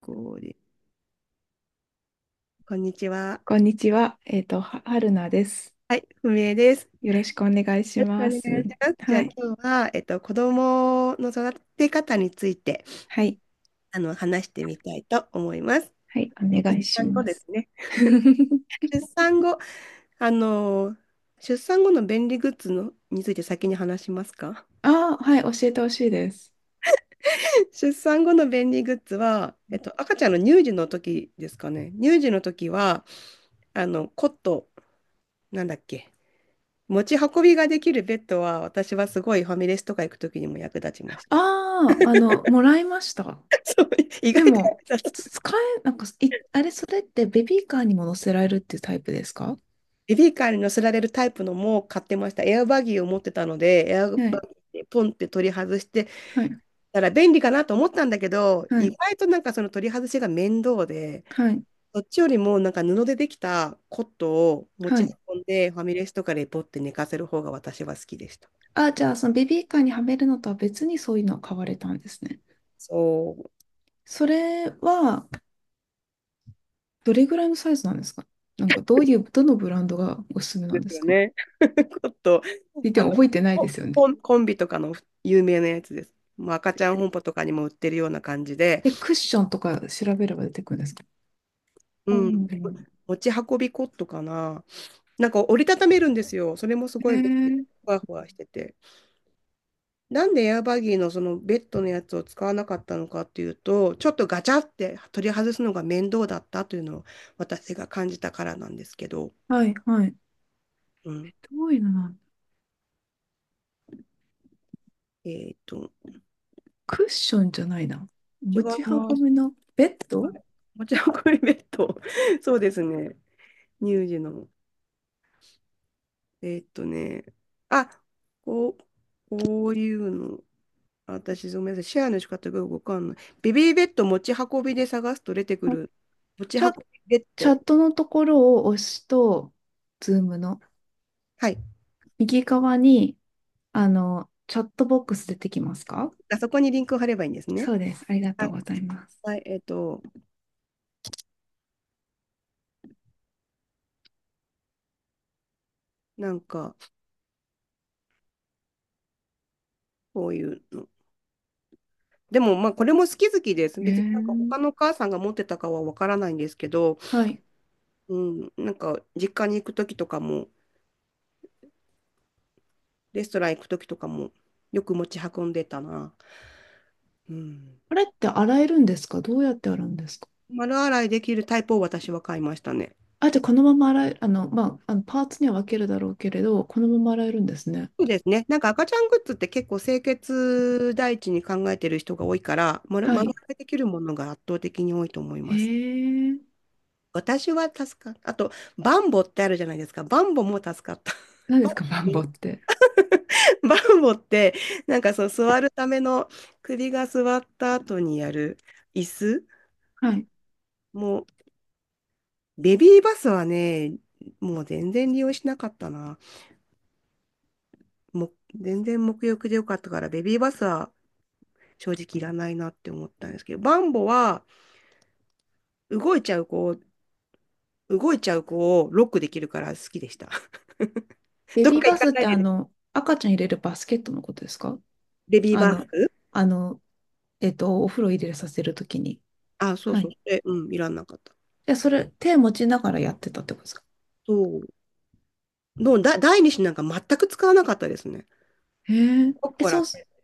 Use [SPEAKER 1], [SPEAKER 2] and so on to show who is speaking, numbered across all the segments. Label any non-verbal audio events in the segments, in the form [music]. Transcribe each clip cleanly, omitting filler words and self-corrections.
[SPEAKER 1] これこんにちは。
[SPEAKER 2] こんにちは。はるなです。
[SPEAKER 1] はい、不明です。
[SPEAKER 2] よろしくお願いし
[SPEAKER 1] よろ
[SPEAKER 2] ま
[SPEAKER 1] しくお願い
[SPEAKER 2] す。
[SPEAKER 1] します。じゃあ
[SPEAKER 2] はい。
[SPEAKER 1] 今日は、子供の育て方について、
[SPEAKER 2] はい。
[SPEAKER 1] 話してみたいと思います。
[SPEAKER 2] はい。お願いし
[SPEAKER 1] 産後
[SPEAKER 2] ま
[SPEAKER 1] で
[SPEAKER 2] す。
[SPEAKER 1] すね。
[SPEAKER 2] [laughs]
[SPEAKER 1] 出産後、あの、出産後の便利グッズのについて先に話しますか？
[SPEAKER 2] ああ、はい。教えてほしいです。
[SPEAKER 1] [laughs] 出産後の便利グッズは、赤ちゃんの乳児の時ですかね。乳児の時は、あの、コット、なんだっけ。持ち運びができるベッドは、私はすごいファミレスとか行く時にも役立ちました。
[SPEAKER 2] ああ、もらいました。
[SPEAKER 1] そう、意
[SPEAKER 2] で
[SPEAKER 1] 外と
[SPEAKER 2] も、
[SPEAKER 1] 役立つ。
[SPEAKER 2] 使え、なんか、い、あれ、それってベビーカーにも乗せられるっていうタイプですか？
[SPEAKER 1] ベビーカーに乗せられるタイプのも買ってました。エアバギーを持ってたので、エアバギ
[SPEAKER 2] はい。
[SPEAKER 1] ーでポンって取り外して、
[SPEAKER 2] はい。
[SPEAKER 1] たら便利かなと思ったんだけど、
[SPEAKER 2] は
[SPEAKER 1] 意
[SPEAKER 2] い。
[SPEAKER 1] 外となんかその取り外しが面倒で、
[SPEAKER 2] はい。
[SPEAKER 1] そっちよりもなんか布でできたコットを持
[SPEAKER 2] は
[SPEAKER 1] ち
[SPEAKER 2] い。
[SPEAKER 1] 運んで、ファミレスとかでポって寝かせる方が私は好きでした。
[SPEAKER 2] あ、じゃあ、そのベビーカーにはめるのとは別にそういうのを買われたんですね。
[SPEAKER 1] そう
[SPEAKER 2] それは、どれぐらいのサイズなんですか？なんかどういう、どのブランドがおすすめな
[SPEAKER 1] で
[SPEAKER 2] んで
[SPEAKER 1] す
[SPEAKER 2] す
[SPEAKER 1] よ
[SPEAKER 2] かって
[SPEAKER 1] ね。[laughs] コット、
[SPEAKER 2] 言って
[SPEAKER 1] あの、
[SPEAKER 2] も覚えてないで
[SPEAKER 1] コ
[SPEAKER 2] すよね。
[SPEAKER 1] コンコンビとかの有名なやつです。もう赤ちゃん本舗とかにも売ってるような感じで、
[SPEAKER 2] で、クッションとか調べれば出てくるんですか？う
[SPEAKER 1] うん。
[SPEAKER 2] ん。
[SPEAKER 1] 持ち運びコットかな。なんか折りたためるんですよ。それもす
[SPEAKER 2] え
[SPEAKER 1] ごい便利。
[SPEAKER 2] ー、
[SPEAKER 1] ふわふわしてて。なんでエアバギーのそのベッドのやつを使わなかったのかっていうと、ちょっとガチャって取り外すのが面倒だったというのを私が感じたからなんですけど。
[SPEAKER 2] はいはい。
[SPEAKER 1] うん。
[SPEAKER 2] どういうのなん、
[SPEAKER 1] えーっと、
[SPEAKER 2] クッションじゃないな。
[SPEAKER 1] 違い
[SPEAKER 2] 持ち
[SPEAKER 1] ま
[SPEAKER 2] 運
[SPEAKER 1] す。
[SPEAKER 2] びのベッ
[SPEAKER 1] は
[SPEAKER 2] ド。
[SPEAKER 1] い。持ち運びベッド。[laughs] そうですね。乳児の。ね。あ、こう、こういうの。私、ごめんなさい。シェアの仕方がよくわかんない。ベビーベッド持ち運びで探すと出てくる。持ち
[SPEAKER 2] チ
[SPEAKER 1] 運
[SPEAKER 2] ャ、
[SPEAKER 1] びベッ
[SPEAKER 2] チ
[SPEAKER 1] ド。
[SPEAKER 2] ャットのところを押すと、ズームの
[SPEAKER 1] はい。
[SPEAKER 2] 右側に、あの、チャットボックス出てきますか？
[SPEAKER 1] あそこにリンクを貼ればいいんですね。
[SPEAKER 2] そうです。ありが
[SPEAKER 1] は
[SPEAKER 2] とう
[SPEAKER 1] い。
[SPEAKER 2] ございます。
[SPEAKER 1] はい、なんか、こういうの。でも、まあ、これも好き好きです。
[SPEAKER 2] え
[SPEAKER 1] 別になんか他
[SPEAKER 2] ー。
[SPEAKER 1] のお母さんが持ってたかはわからないんですけど、
[SPEAKER 2] はい。
[SPEAKER 1] うん、なんか、実家に行くときとかも、レストラン行くときとかも、よく持ち運んでたな。うん。
[SPEAKER 2] あれって洗えるんですか？どうやって洗うんですか？
[SPEAKER 1] 丸洗いできるタイプを私は買いましたね。
[SPEAKER 2] あ、じゃあこのまま洗え、あのパーツには分けるだろうけれど、このまま洗えるんですね。
[SPEAKER 1] そうですね。なんか赤ちゃんグッズって結構清潔第一に考えてる人が多いから、丸
[SPEAKER 2] は
[SPEAKER 1] 丸々
[SPEAKER 2] い。
[SPEAKER 1] できるものが圧倒的に多いと思い
[SPEAKER 2] へ
[SPEAKER 1] ます。
[SPEAKER 2] え。
[SPEAKER 1] 私は助かっあと、バンボってあるじゃないですか。バンボも助かった。[laughs]
[SPEAKER 2] 何で
[SPEAKER 1] バ、
[SPEAKER 2] すか、[laughs] マンボって。
[SPEAKER 1] ンバンボって、なんかその座るための首が座った後にやる椅子。
[SPEAKER 2] はい。
[SPEAKER 1] もう、ベビーバスはね、もう全然利用しなかったな。もう全然沐浴でよかったから、ベビーバスは正直いらないなって思ったんですけど、バンボは、動いちゃう子を、動いちゃう子をロックできるから好きでした。[laughs]
[SPEAKER 2] ベ
[SPEAKER 1] どっ
[SPEAKER 2] ビー
[SPEAKER 1] か行
[SPEAKER 2] バ
[SPEAKER 1] か
[SPEAKER 2] スっ
[SPEAKER 1] ない
[SPEAKER 2] て
[SPEAKER 1] で
[SPEAKER 2] あ
[SPEAKER 1] ね、
[SPEAKER 2] の、赤ちゃん入れるバスケットのことですか？
[SPEAKER 1] レビー
[SPEAKER 2] あ
[SPEAKER 1] バー。
[SPEAKER 2] の、あの、お風呂入れさせるときに。
[SPEAKER 1] あ、そう
[SPEAKER 2] は
[SPEAKER 1] そう。
[SPEAKER 2] い。
[SPEAKER 1] で、うん、いらんなかった。
[SPEAKER 2] で、それ、手持ちながらやってたってことですか？
[SPEAKER 1] そう。どうだ、第二子なんか全く使わなかったですね。
[SPEAKER 2] へえ。
[SPEAKER 1] コッ
[SPEAKER 2] え、
[SPEAKER 1] コラ、
[SPEAKER 2] そう
[SPEAKER 1] コ
[SPEAKER 2] す、
[SPEAKER 1] ッ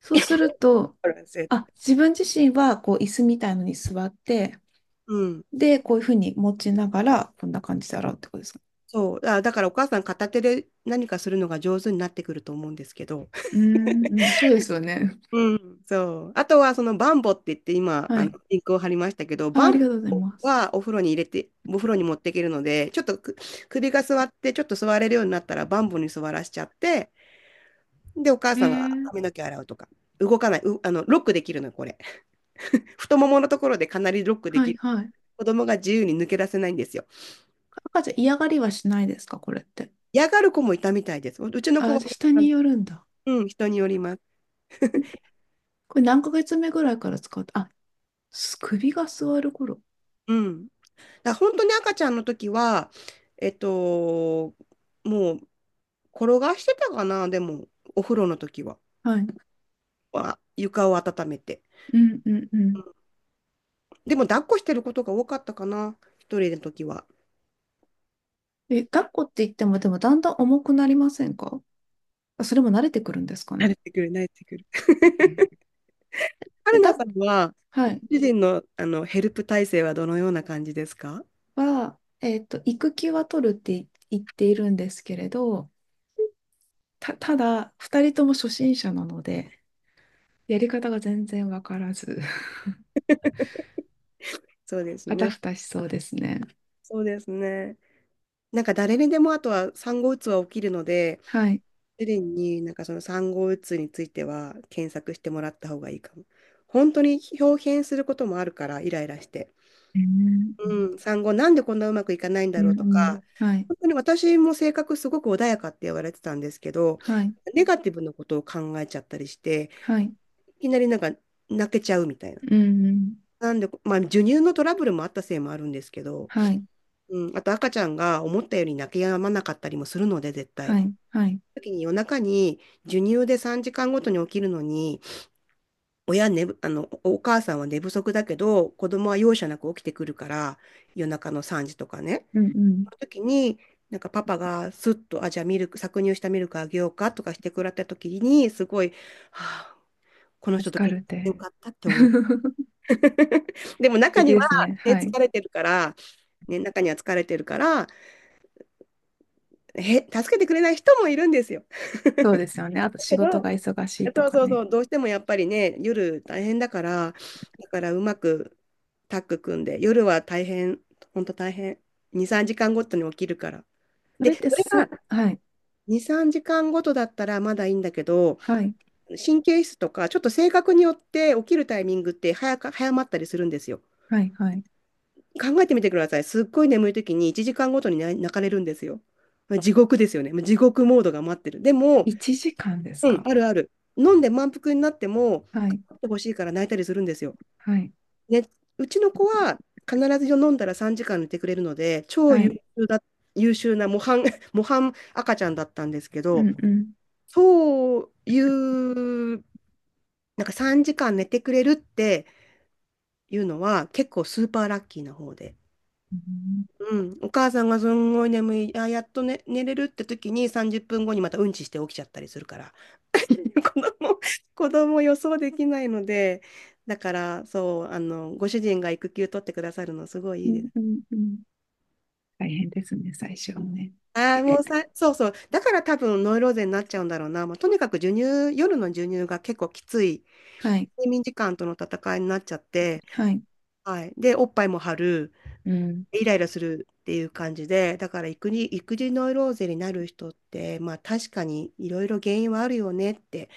[SPEAKER 2] そうすると、
[SPEAKER 1] コラせ
[SPEAKER 2] あ、自分自身は、こう、椅子みたいのに座って、
[SPEAKER 1] うん。
[SPEAKER 2] で、こういうふうに持ちながら、こんな感じで洗うってことですか。
[SPEAKER 1] そう。だ、だからお母さん片手で何かするのが上手になってくると思うんですけど。[laughs]
[SPEAKER 2] うーん、うん、そうですよね。
[SPEAKER 1] うん、そう。あとは、そのバンボって言って、今、
[SPEAKER 2] はい。
[SPEAKER 1] リンクを貼りましたけど、
[SPEAKER 2] あ、
[SPEAKER 1] バ
[SPEAKER 2] あ
[SPEAKER 1] ン
[SPEAKER 2] りがとうござい
[SPEAKER 1] ボ
[SPEAKER 2] ます。
[SPEAKER 1] はお風呂に入れて、お風呂に持っていけるので、ちょっとく首が座って、ちょっと座れるようになったら、バンボに座らしちゃって、で、お母
[SPEAKER 2] え
[SPEAKER 1] さんが
[SPEAKER 2] ー、
[SPEAKER 1] 髪の毛洗うとか、動かない、う、あの、ロックできるの、これ。[laughs] 太もものところでかなりロックで
[SPEAKER 2] は
[SPEAKER 1] き
[SPEAKER 2] い
[SPEAKER 1] る。
[SPEAKER 2] はい。
[SPEAKER 1] 子供が自由に抜け出せないんですよ。
[SPEAKER 2] 赤ちゃん嫌がりはしないですか、これって。
[SPEAKER 1] 嫌がる子もいたみたいです。ううちの子は
[SPEAKER 2] あ、
[SPEAKER 1] ね、
[SPEAKER 2] 下によるんだ。
[SPEAKER 1] うん、人によります。
[SPEAKER 2] ん。これ何ヶ月目ぐらいから使う、あ、す首が座る頃。
[SPEAKER 1] うん。だから本当に赤ちゃんの時は、えっと、もう、転がしてたかな、でも、お風呂の時は。
[SPEAKER 2] はい。
[SPEAKER 1] は床を温めて。
[SPEAKER 2] うんうんうん。
[SPEAKER 1] でも、抱っこしてることが多かったかな、一人の時は。
[SPEAKER 2] え、抱っこって言っても、でもだんだん重くなりませんか？あ、それも慣れてくるんですか
[SPEAKER 1] 慣
[SPEAKER 2] ね。
[SPEAKER 1] れてくる、慣れてくる。
[SPEAKER 2] で、
[SPEAKER 1] 春菜
[SPEAKER 2] だ、
[SPEAKER 1] さんは、
[SPEAKER 2] は
[SPEAKER 1] ご
[SPEAKER 2] い。
[SPEAKER 1] 主人の、あのヘルプ体制はどのような感じですか？
[SPEAKER 2] は、育休は取るって言っているんですけれど、た、ただ、二人とも初心者なので、やり方が全然わからず、[laughs]
[SPEAKER 1] そうです
[SPEAKER 2] あた
[SPEAKER 1] ね。
[SPEAKER 2] ふたしそうですね。
[SPEAKER 1] そうですね。なんか誰にでもあとは産後うつは起きるので、
[SPEAKER 2] はい。
[SPEAKER 1] 主人になんかその産後うつについては検索してもらった方がいいかも。本当に表現することもあるから、イライラして。
[SPEAKER 2] えー。うん
[SPEAKER 1] うん、産後なんでこんなうまくいかないんだ
[SPEAKER 2] うん
[SPEAKER 1] ろうとか、
[SPEAKER 2] うん。はい。
[SPEAKER 1] 本当に私も性格すごく穏やかって言われてたんですけど、
[SPEAKER 2] はい。
[SPEAKER 1] ネガティブなことを考えちゃったりして、
[SPEAKER 2] はい。
[SPEAKER 1] いきなりなんか泣けちゃうみたいな。
[SPEAKER 2] うんうん。
[SPEAKER 1] なんで、まあ、授乳のトラブルもあったせいもあるんですけど、
[SPEAKER 2] はい。
[SPEAKER 1] うん、あと赤ちゃんが思ったより泣き止まなかったりもするので、絶対。
[SPEAKER 2] はい。はい。
[SPEAKER 1] 時に夜中に授乳で3時間ごとに起きるのに、親寝ぶ、おお母さんは寝不足だけど、子供は容赦なく起きてくるから、夜中の3時とかね。
[SPEAKER 2] うんうん。
[SPEAKER 1] その時に、なんかパパがスッと、あ、じゃあミルク、搾乳したミルクあげようかとかしてくれた時に、すごい、はあ、この人
[SPEAKER 2] 助
[SPEAKER 1] と
[SPEAKER 2] か
[SPEAKER 1] 結
[SPEAKER 2] るっ
[SPEAKER 1] 婚してよ
[SPEAKER 2] て。
[SPEAKER 1] かったって思い。
[SPEAKER 2] [laughs] 素
[SPEAKER 1] [laughs] でも中
[SPEAKER 2] 敵
[SPEAKER 1] には、
[SPEAKER 2] ですね。
[SPEAKER 1] ね、
[SPEAKER 2] はい。
[SPEAKER 1] 疲れてるから、ね、中には疲れてるから、へ、助けてくれない人もいるんですよ。
[SPEAKER 2] そうですよね。あと
[SPEAKER 1] だ
[SPEAKER 2] 仕
[SPEAKER 1] け
[SPEAKER 2] 事
[SPEAKER 1] ど、
[SPEAKER 2] が忙しいと
[SPEAKER 1] そう
[SPEAKER 2] か
[SPEAKER 1] そうそ
[SPEAKER 2] ね。
[SPEAKER 1] う、どうしてもやっぱりね、夜大変だから、だからうまくタッグ組んで、夜は大変、本当大変、2、3時間ごとに起きるから。
[SPEAKER 2] そ
[SPEAKER 1] で、
[SPEAKER 2] れっ
[SPEAKER 1] そ
[SPEAKER 2] て
[SPEAKER 1] れが
[SPEAKER 2] さ、はい。
[SPEAKER 1] 2、3時間ごとだったらまだいいんだけど、
[SPEAKER 2] はい。
[SPEAKER 1] 神経質とか、ちょっと性格によって起きるタイミングって早か、早まったりするんですよ。
[SPEAKER 2] はい。はい。
[SPEAKER 1] 考えてみてください。すっごい眠い時に1時間ごとにな泣かれるんですよ。まあ地獄ですよね。まあ地獄モードが待ってる。でも、
[SPEAKER 2] 1時間です
[SPEAKER 1] うん、
[SPEAKER 2] か？
[SPEAKER 1] あるある。飲んで満腹になっても、
[SPEAKER 2] はい。
[SPEAKER 1] 飲んでほしいから泣いたりするんですよ。
[SPEAKER 2] はい。
[SPEAKER 1] ね、うちの子は必ず飲んだら3時間寝てくれるので、超
[SPEAKER 2] は
[SPEAKER 1] 優
[SPEAKER 2] い。
[SPEAKER 1] 秀だ、優秀な模範、[laughs] 模範赤ちゃんだったんですけ
[SPEAKER 2] う
[SPEAKER 1] ど、
[SPEAKER 2] んうん。
[SPEAKER 1] そういうなんか3時間寝てくれるっていうのは結構スーパーラッキーな方で。
[SPEAKER 2] うん
[SPEAKER 1] うん、お母さんがすんごい眠い、あ、やっと、ね、寝れるって時に30分後にまたうんちして起きちゃったりするから、[laughs] 子供、子供予想できないので、だからそう、ご主人が育休取ってくださるのすごいい
[SPEAKER 2] う
[SPEAKER 1] いで
[SPEAKER 2] ん
[SPEAKER 1] す。
[SPEAKER 2] うんうん。大変ですね、最初はね。
[SPEAKER 1] ああ、もうさ、そうそう、だから多分ノイローゼになっちゃうんだろうな、まあ、とにかく授乳、夜の授乳が結構きつい、
[SPEAKER 2] はい、
[SPEAKER 1] 睡眠時間との戦いになっちゃって、
[SPEAKER 2] はい。
[SPEAKER 1] はい、で、おっぱいも張る。
[SPEAKER 2] うん、
[SPEAKER 1] イライラするっていう感じで、だから育児、育児ノイローゼになる人って、まあ確かにいろいろ原因はあるよねって。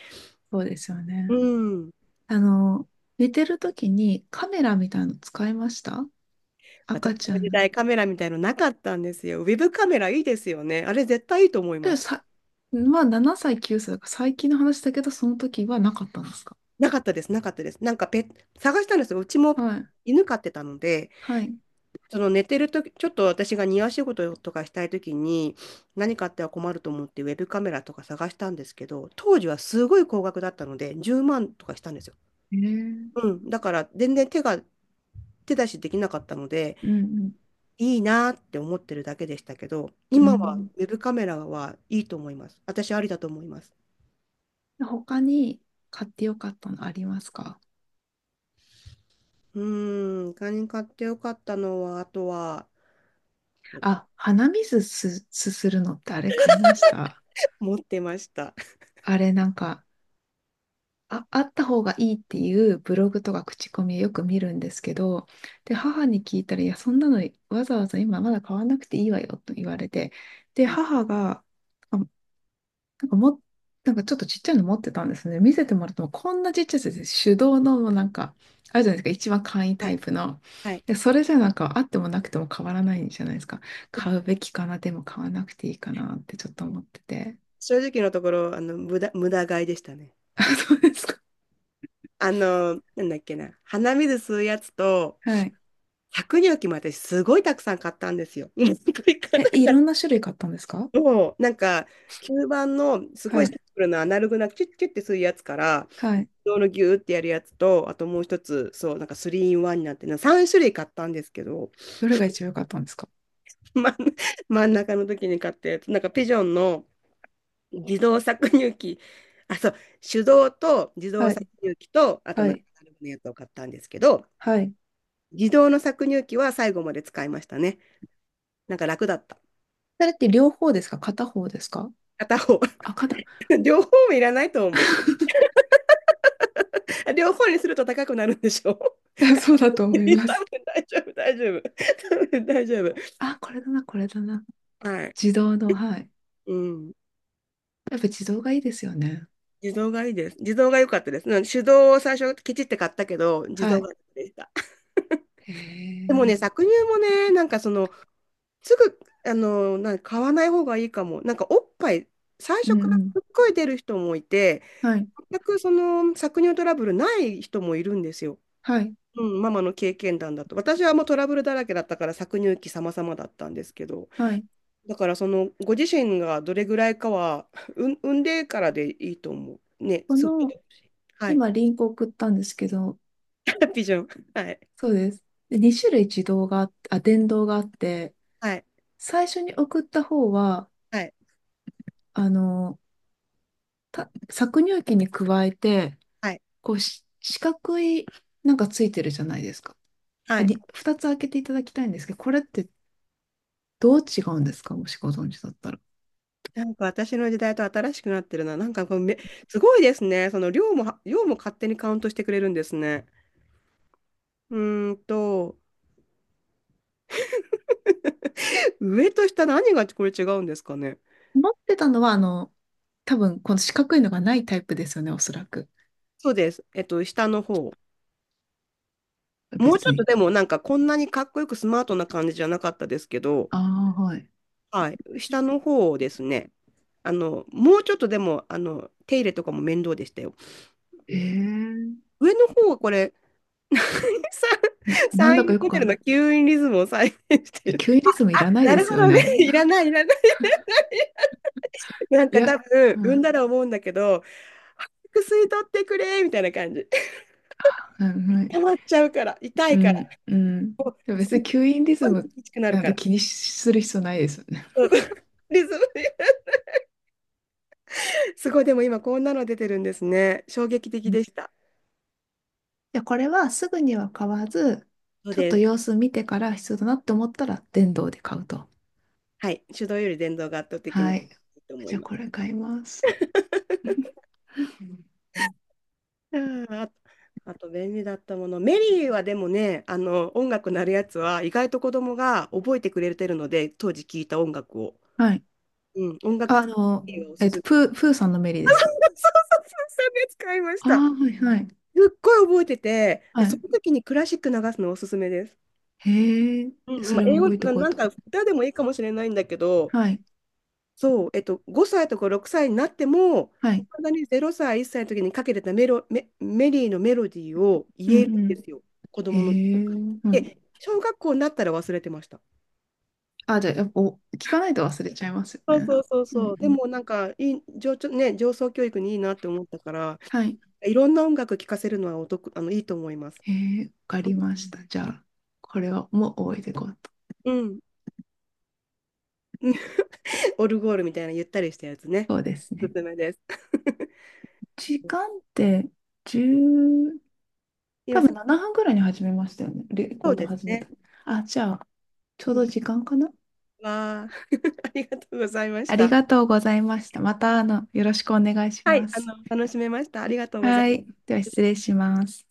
[SPEAKER 2] そうですよ
[SPEAKER 1] う
[SPEAKER 2] ね。
[SPEAKER 1] ん。
[SPEAKER 2] あの、寝てる時にカメラみたいの使いました？
[SPEAKER 1] 私
[SPEAKER 2] 赤
[SPEAKER 1] の
[SPEAKER 2] ちゃん
[SPEAKER 1] 時
[SPEAKER 2] の。
[SPEAKER 1] 代カメラみたいのなかったんですよ。ウェブカメラいいですよね。あれ絶対いいと思いま
[SPEAKER 2] で
[SPEAKER 1] す。
[SPEAKER 2] さ、まあ7歳、9歳だから最近の話だけど、その時はなかったんですか？
[SPEAKER 1] なかったです、なかったです。なんかペ探したんですよ。うちも
[SPEAKER 2] はい、
[SPEAKER 1] 犬飼ってたので、
[SPEAKER 2] はい。
[SPEAKER 1] その寝てるとき、ちょっと私が庭仕事とかしたいときに、何かあっては困ると思ってウェブカメラとか探したんですけど、当時はすごい高額だったので、10万とかしたんですよ。
[SPEAKER 2] えー、
[SPEAKER 1] うん、だから全然手出しできなかったので、
[SPEAKER 2] うん。
[SPEAKER 1] いいなって思ってるだけでしたけど、
[SPEAKER 2] うん、う
[SPEAKER 1] 今は
[SPEAKER 2] ん。
[SPEAKER 1] ウェブカメラはいいと思います。私ありだと思います。
[SPEAKER 2] 他に買ってよかったのありますか？
[SPEAKER 1] 他に買ってよかったのは、あとは
[SPEAKER 2] あ、鼻水す、すするのってあれ買いました？
[SPEAKER 1] 持ってました。
[SPEAKER 2] あれなんか、あ、あった方がいいっていうブログとか口コミをよく見るんですけど、で、母に聞いたら、いや、そんなのわざわざ今まだ買わなくていいわよと言われて、で、母が、あ、なんかも、なんかちょっとちっちゃいの持ってたんですね。見せてもらっても、こんなちっちゃいやつです、手動のもうなんか、あるじゃないですか、一番簡易
[SPEAKER 1] [laughs] は
[SPEAKER 2] タ
[SPEAKER 1] い、
[SPEAKER 2] イプの。
[SPEAKER 1] はい。
[SPEAKER 2] で、それじゃなんかあってもなくても変わらないじゃないですか。買うべきかな、でも買わなくていいかなってちょっと思ってて。
[SPEAKER 1] 正直のところ、無駄買いでしたね。
[SPEAKER 2] [laughs] あ、そうですか。
[SPEAKER 1] なんだっけな、鼻水吸うやつと、
[SPEAKER 2] はい。
[SPEAKER 1] 百乳器も私すごいたくさん買ったんですよ。 [laughs] 今ごいか。
[SPEAKER 2] え、いろんな種類買ったんですか？
[SPEAKER 1] そう、吸盤のすご
[SPEAKER 2] は
[SPEAKER 1] いシン
[SPEAKER 2] い。
[SPEAKER 1] プルなアナログなキュッキュッてするやつから、
[SPEAKER 2] は
[SPEAKER 1] 自
[SPEAKER 2] い。
[SPEAKER 1] 動のギューってやるやつと、あともう一つ、そう、なんか 3in1 になってるな。3種類買ったんですけど、
[SPEAKER 2] どれが一番良かったんですか？
[SPEAKER 1] [laughs] ま、真ん中の時に買ったやつ、なんかピジョンの自動搾乳機、あ、そう、手動と自動
[SPEAKER 2] は
[SPEAKER 1] 搾
[SPEAKER 2] い、
[SPEAKER 1] 乳機と、あと
[SPEAKER 2] は
[SPEAKER 1] なんか
[SPEAKER 2] い、
[SPEAKER 1] アナログのやつを買ったんですけど、
[SPEAKER 2] はい。
[SPEAKER 1] 自動の搾乳機は最後まで使いましたね。なんか楽だった。
[SPEAKER 2] それって両方ですか？片方ですか？
[SPEAKER 1] 片方。
[SPEAKER 2] あ、片。
[SPEAKER 1] [laughs] 両方もいらないと思う。
[SPEAKER 2] [laughs]
[SPEAKER 1] [laughs] 両方にすると高くなるんでしょう？ [laughs]
[SPEAKER 2] そうだと
[SPEAKER 1] 多
[SPEAKER 2] 思い
[SPEAKER 1] 分
[SPEAKER 2] ます。
[SPEAKER 1] 大丈夫、大丈夫。多分大丈夫。
[SPEAKER 2] あ、これだな、これだな。
[SPEAKER 1] はい。
[SPEAKER 2] 自動の、はい。
[SPEAKER 1] うん。
[SPEAKER 2] やっぱ自動がいいですよね。
[SPEAKER 1] 自動がいいです。自動が良かったです。うん、手動を最初ケチって買ったけど、自
[SPEAKER 2] は
[SPEAKER 1] 動が
[SPEAKER 2] い。
[SPEAKER 1] 良かったでした。[laughs]
[SPEAKER 2] へ
[SPEAKER 1] でも
[SPEAKER 2] え。
[SPEAKER 1] ね、
[SPEAKER 2] うん
[SPEAKER 1] 搾乳もね、なんかその、すぐ、あの、なんか買わない方がいいかも。なんかおっぱい、最
[SPEAKER 2] う
[SPEAKER 1] 初から
[SPEAKER 2] ん。
[SPEAKER 1] すっごい出る人もいて、
[SPEAKER 2] はい、
[SPEAKER 1] 全くその搾乳トラブルない人もいるんですよ。
[SPEAKER 2] はい、
[SPEAKER 1] うん、ママの経験談だと。私はもうトラブルだらけだったから搾乳期様々だったんですけど、
[SPEAKER 2] はい。
[SPEAKER 1] だからそのご自身がどれぐらいかは、うん、産んでからでいいと思う。ね、
[SPEAKER 2] こ
[SPEAKER 1] すぐ。
[SPEAKER 2] の、
[SPEAKER 1] はい。
[SPEAKER 2] 今
[SPEAKER 1] [laughs]
[SPEAKER 2] リンク送ったんですけど、
[SPEAKER 1] ハッピーじゃん。はい。
[SPEAKER 2] そうです。で、2種類自動があって、あ、電動があって、
[SPEAKER 1] はい。
[SPEAKER 2] 最初に送った方は、
[SPEAKER 1] はい。
[SPEAKER 2] あの、た搾乳機に加えて、
[SPEAKER 1] はい。
[SPEAKER 2] こうし四角いなんかついてるじゃないですか。
[SPEAKER 1] は
[SPEAKER 2] あ、
[SPEAKER 1] い。
[SPEAKER 2] に、二つ開けていただきたいんですけど、これってどう違うんですか？もしご存知だったら。
[SPEAKER 1] なんか私の時代と新しくなってるな。なんかこうめ、すごいですね。その量も勝手にカウントしてくれるんですね。うーんと、上と下、何がこれ違うんですかね？
[SPEAKER 2] 持ってたのは、あの、多分この四角いのがないタイプですよね、おそらく。
[SPEAKER 1] そうです。えっと、下の方。もうち
[SPEAKER 2] 別
[SPEAKER 1] ょっと
[SPEAKER 2] に。
[SPEAKER 1] でも、なんかこんなにかっこよくスマートな感じじゃなかったですけど、
[SPEAKER 2] ああ、はい。
[SPEAKER 1] はい、下の方をですね、もうちょっとでも、手入れとかも面倒でしたよ。
[SPEAKER 2] ええ。
[SPEAKER 1] 上の方はこれ、[laughs] さ
[SPEAKER 2] な、なん
[SPEAKER 1] サイ
[SPEAKER 2] だか
[SPEAKER 1] ン
[SPEAKER 2] よく
[SPEAKER 1] モ
[SPEAKER 2] わ
[SPEAKER 1] デ
[SPEAKER 2] か
[SPEAKER 1] ル
[SPEAKER 2] ん
[SPEAKER 1] の
[SPEAKER 2] ない。
[SPEAKER 1] 吸引リズムを再現して
[SPEAKER 2] え、
[SPEAKER 1] る。
[SPEAKER 2] キュウリズムいら
[SPEAKER 1] [laughs]
[SPEAKER 2] ない
[SPEAKER 1] な
[SPEAKER 2] で
[SPEAKER 1] る
[SPEAKER 2] す
[SPEAKER 1] ほ
[SPEAKER 2] よ
[SPEAKER 1] どね、
[SPEAKER 2] ね。
[SPEAKER 1] [laughs] いら
[SPEAKER 2] [laughs]
[SPEAKER 1] ない、いらない。なん
[SPEAKER 2] い
[SPEAKER 1] か多
[SPEAKER 2] や、
[SPEAKER 1] 分、
[SPEAKER 2] は
[SPEAKER 1] 産ん
[SPEAKER 2] い、
[SPEAKER 1] だら思うんだけど、早く吸い取ってくれ、みたいな感じ。[laughs]
[SPEAKER 2] はい、はい。
[SPEAKER 1] 溜まっちゃうから、痛
[SPEAKER 2] う
[SPEAKER 1] いから、
[SPEAKER 2] ん、うん。でも
[SPEAKER 1] す
[SPEAKER 2] 別
[SPEAKER 1] っ
[SPEAKER 2] に吸引リ
[SPEAKER 1] ご
[SPEAKER 2] ズ
[SPEAKER 1] い
[SPEAKER 2] ム
[SPEAKER 1] 厳しくなる
[SPEAKER 2] なん
[SPEAKER 1] か
[SPEAKER 2] て
[SPEAKER 1] ら。
[SPEAKER 2] 気にする必要ないですよね。
[SPEAKER 1] そうそう、リズムで、すごい、でも今こんなの出てるんですね。衝撃的
[SPEAKER 2] じ
[SPEAKER 1] でした。
[SPEAKER 2] ゃこれはすぐには買わず、
[SPEAKER 1] そう
[SPEAKER 2] ちょっ
[SPEAKER 1] で
[SPEAKER 2] と様
[SPEAKER 1] す。
[SPEAKER 2] 子見てから必要だなって思ったら電動で買うと。
[SPEAKER 1] はい。手動より電動が圧倒的にい
[SPEAKER 2] はい。
[SPEAKER 1] いと思
[SPEAKER 2] じ
[SPEAKER 1] い
[SPEAKER 2] ゃあ
[SPEAKER 1] ます。
[SPEAKER 2] これ買います。
[SPEAKER 1] うん、あ、あと便利だったもの。メリーはでもね、音楽なるやつは意外と子供が覚えてくれてるので、当時聴いた音楽を。
[SPEAKER 2] はい。
[SPEAKER 1] うん、音楽
[SPEAKER 2] あの、
[SPEAKER 1] をおすすめ。
[SPEAKER 2] プーさんのメリーで
[SPEAKER 1] そう
[SPEAKER 2] す
[SPEAKER 1] そ
[SPEAKER 2] か？
[SPEAKER 1] うそう、それ使いまし
[SPEAKER 2] ああ
[SPEAKER 1] た。
[SPEAKER 2] ー、はいはい。
[SPEAKER 1] すっごい覚えてて、で、
[SPEAKER 2] は
[SPEAKER 1] そ
[SPEAKER 2] い。
[SPEAKER 1] の時にクラシック流すのおすすめです。
[SPEAKER 2] へえ、
[SPEAKER 1] うん、
[SPEAKER 2] そ
[SPEAKER 1] まあ、
[SPEAKER 2] れも
[SPEAKER 1] 英語
[SPEAKER 2] 覚えてお
[SPEAKER 1] な、
[SPEAKER 2] こう
[SPEAKER 1] なん
[SPEAKER 2] と。
[SPEAKER 1] か歌でもいいかもしれないんだけど、
[SPEAKER 2] はい。
[SPEAKER 1] そう、えっと、5歳とか6歳になっても、
[SPEAKER 2] は
[SPEAKER 1] い
[SPEAKER 2] い。
[SPEAKER 1] まだに0歳、1歳の時にかけてたメリーのメロディーを
[SPEAKER 2] う
[SPEAKER 1] 言える
[SPEAKER 2] ん
[SPEAKER 1] ん
[SPEAKER 2] う
[SPEAKER 1] で
[SPEAKER 2] ん。
[SPEAKER 1] すよ、子
[SPEAKER 2] へ
[SPEAKER 1] 供の。
[SPEAKER 2] え、う
[SPEAKER 1] で、
[SPEAKER 2] ん。
[SPEAKER 1] 小学校になったら忘れてました。
[SPEAKER 2] あ、じゃあ、やっぱ、お聞かないと忘れちゃいますよ
[SPEAKER 1] そう
[SPEAKER 2] ね。
[SPEAKER 1] そうそう
[SPEAKER 2] うん
[SPEAKER 1] そう。
[SPEAKER 2] う
[SPEAKER 1] で
[SPEAKER 2] ん。
[SPEAKER 1] もなんかいい、上、ちょね、上層教育にいいなって思ったから、
[SPEAKER 2] はい。
[SPEAKER 1] いろんな音楽聴かせるのはお得、いいと思います。
[SPEAKER 2] へえ、わかりました。じゃあ、これはもう覚えていこうと。
[SPEAKER 1] うん。うん。 [laughs] オルゴールみたいなゆったりしたやつね。
[SPEAKER 2] そうです
[SPEAKER 1] おす
[SPEAKER 2] ね。
[SPEAKER 1] すめです。
[SPEAKER 2] 時間
[SPEAKER 1] [laughs]
[SPEAKER 2] って10、多
[SPEAKER 1] 今さ、
[SPEAKER 2] 分7分ぐらいに始めましたよね。レ
[SPEAKER 1] そ
[SPEAKER 2] コー
[SPEAKER 1] う
[SPEAKER 2] ド
[SPEAKER 1] です
[SPEAKER 2] 始め
[SPEAKER 1] ね。
[SPEAKER 2] た。あ、じゃあ、ちょう
[SPEAKER 1] うん、
[SPEAKER 2] ど時間かな。
[SPEAKER 1] わあ、[laughs] ありがとうございまし
[SPEAKER 2] あり
[SPEAKER 1] た。
[SPEAKER 2] がとうございました。また、あの、よろしくお願いし
[SPEAKER 1] はい、
[SPEAKER 2] ま
[SPEAKER 1] あ
[SPEAKER 2] す。
[SPEAKER 1] の、楽しめました。ありがとうござい
[SPEAKER 2] は
[SPEAKER 1] ま
[SPEAKER 2] い。
[SPEAKER 1] す。
[SPEAKER 2] では、失礼します。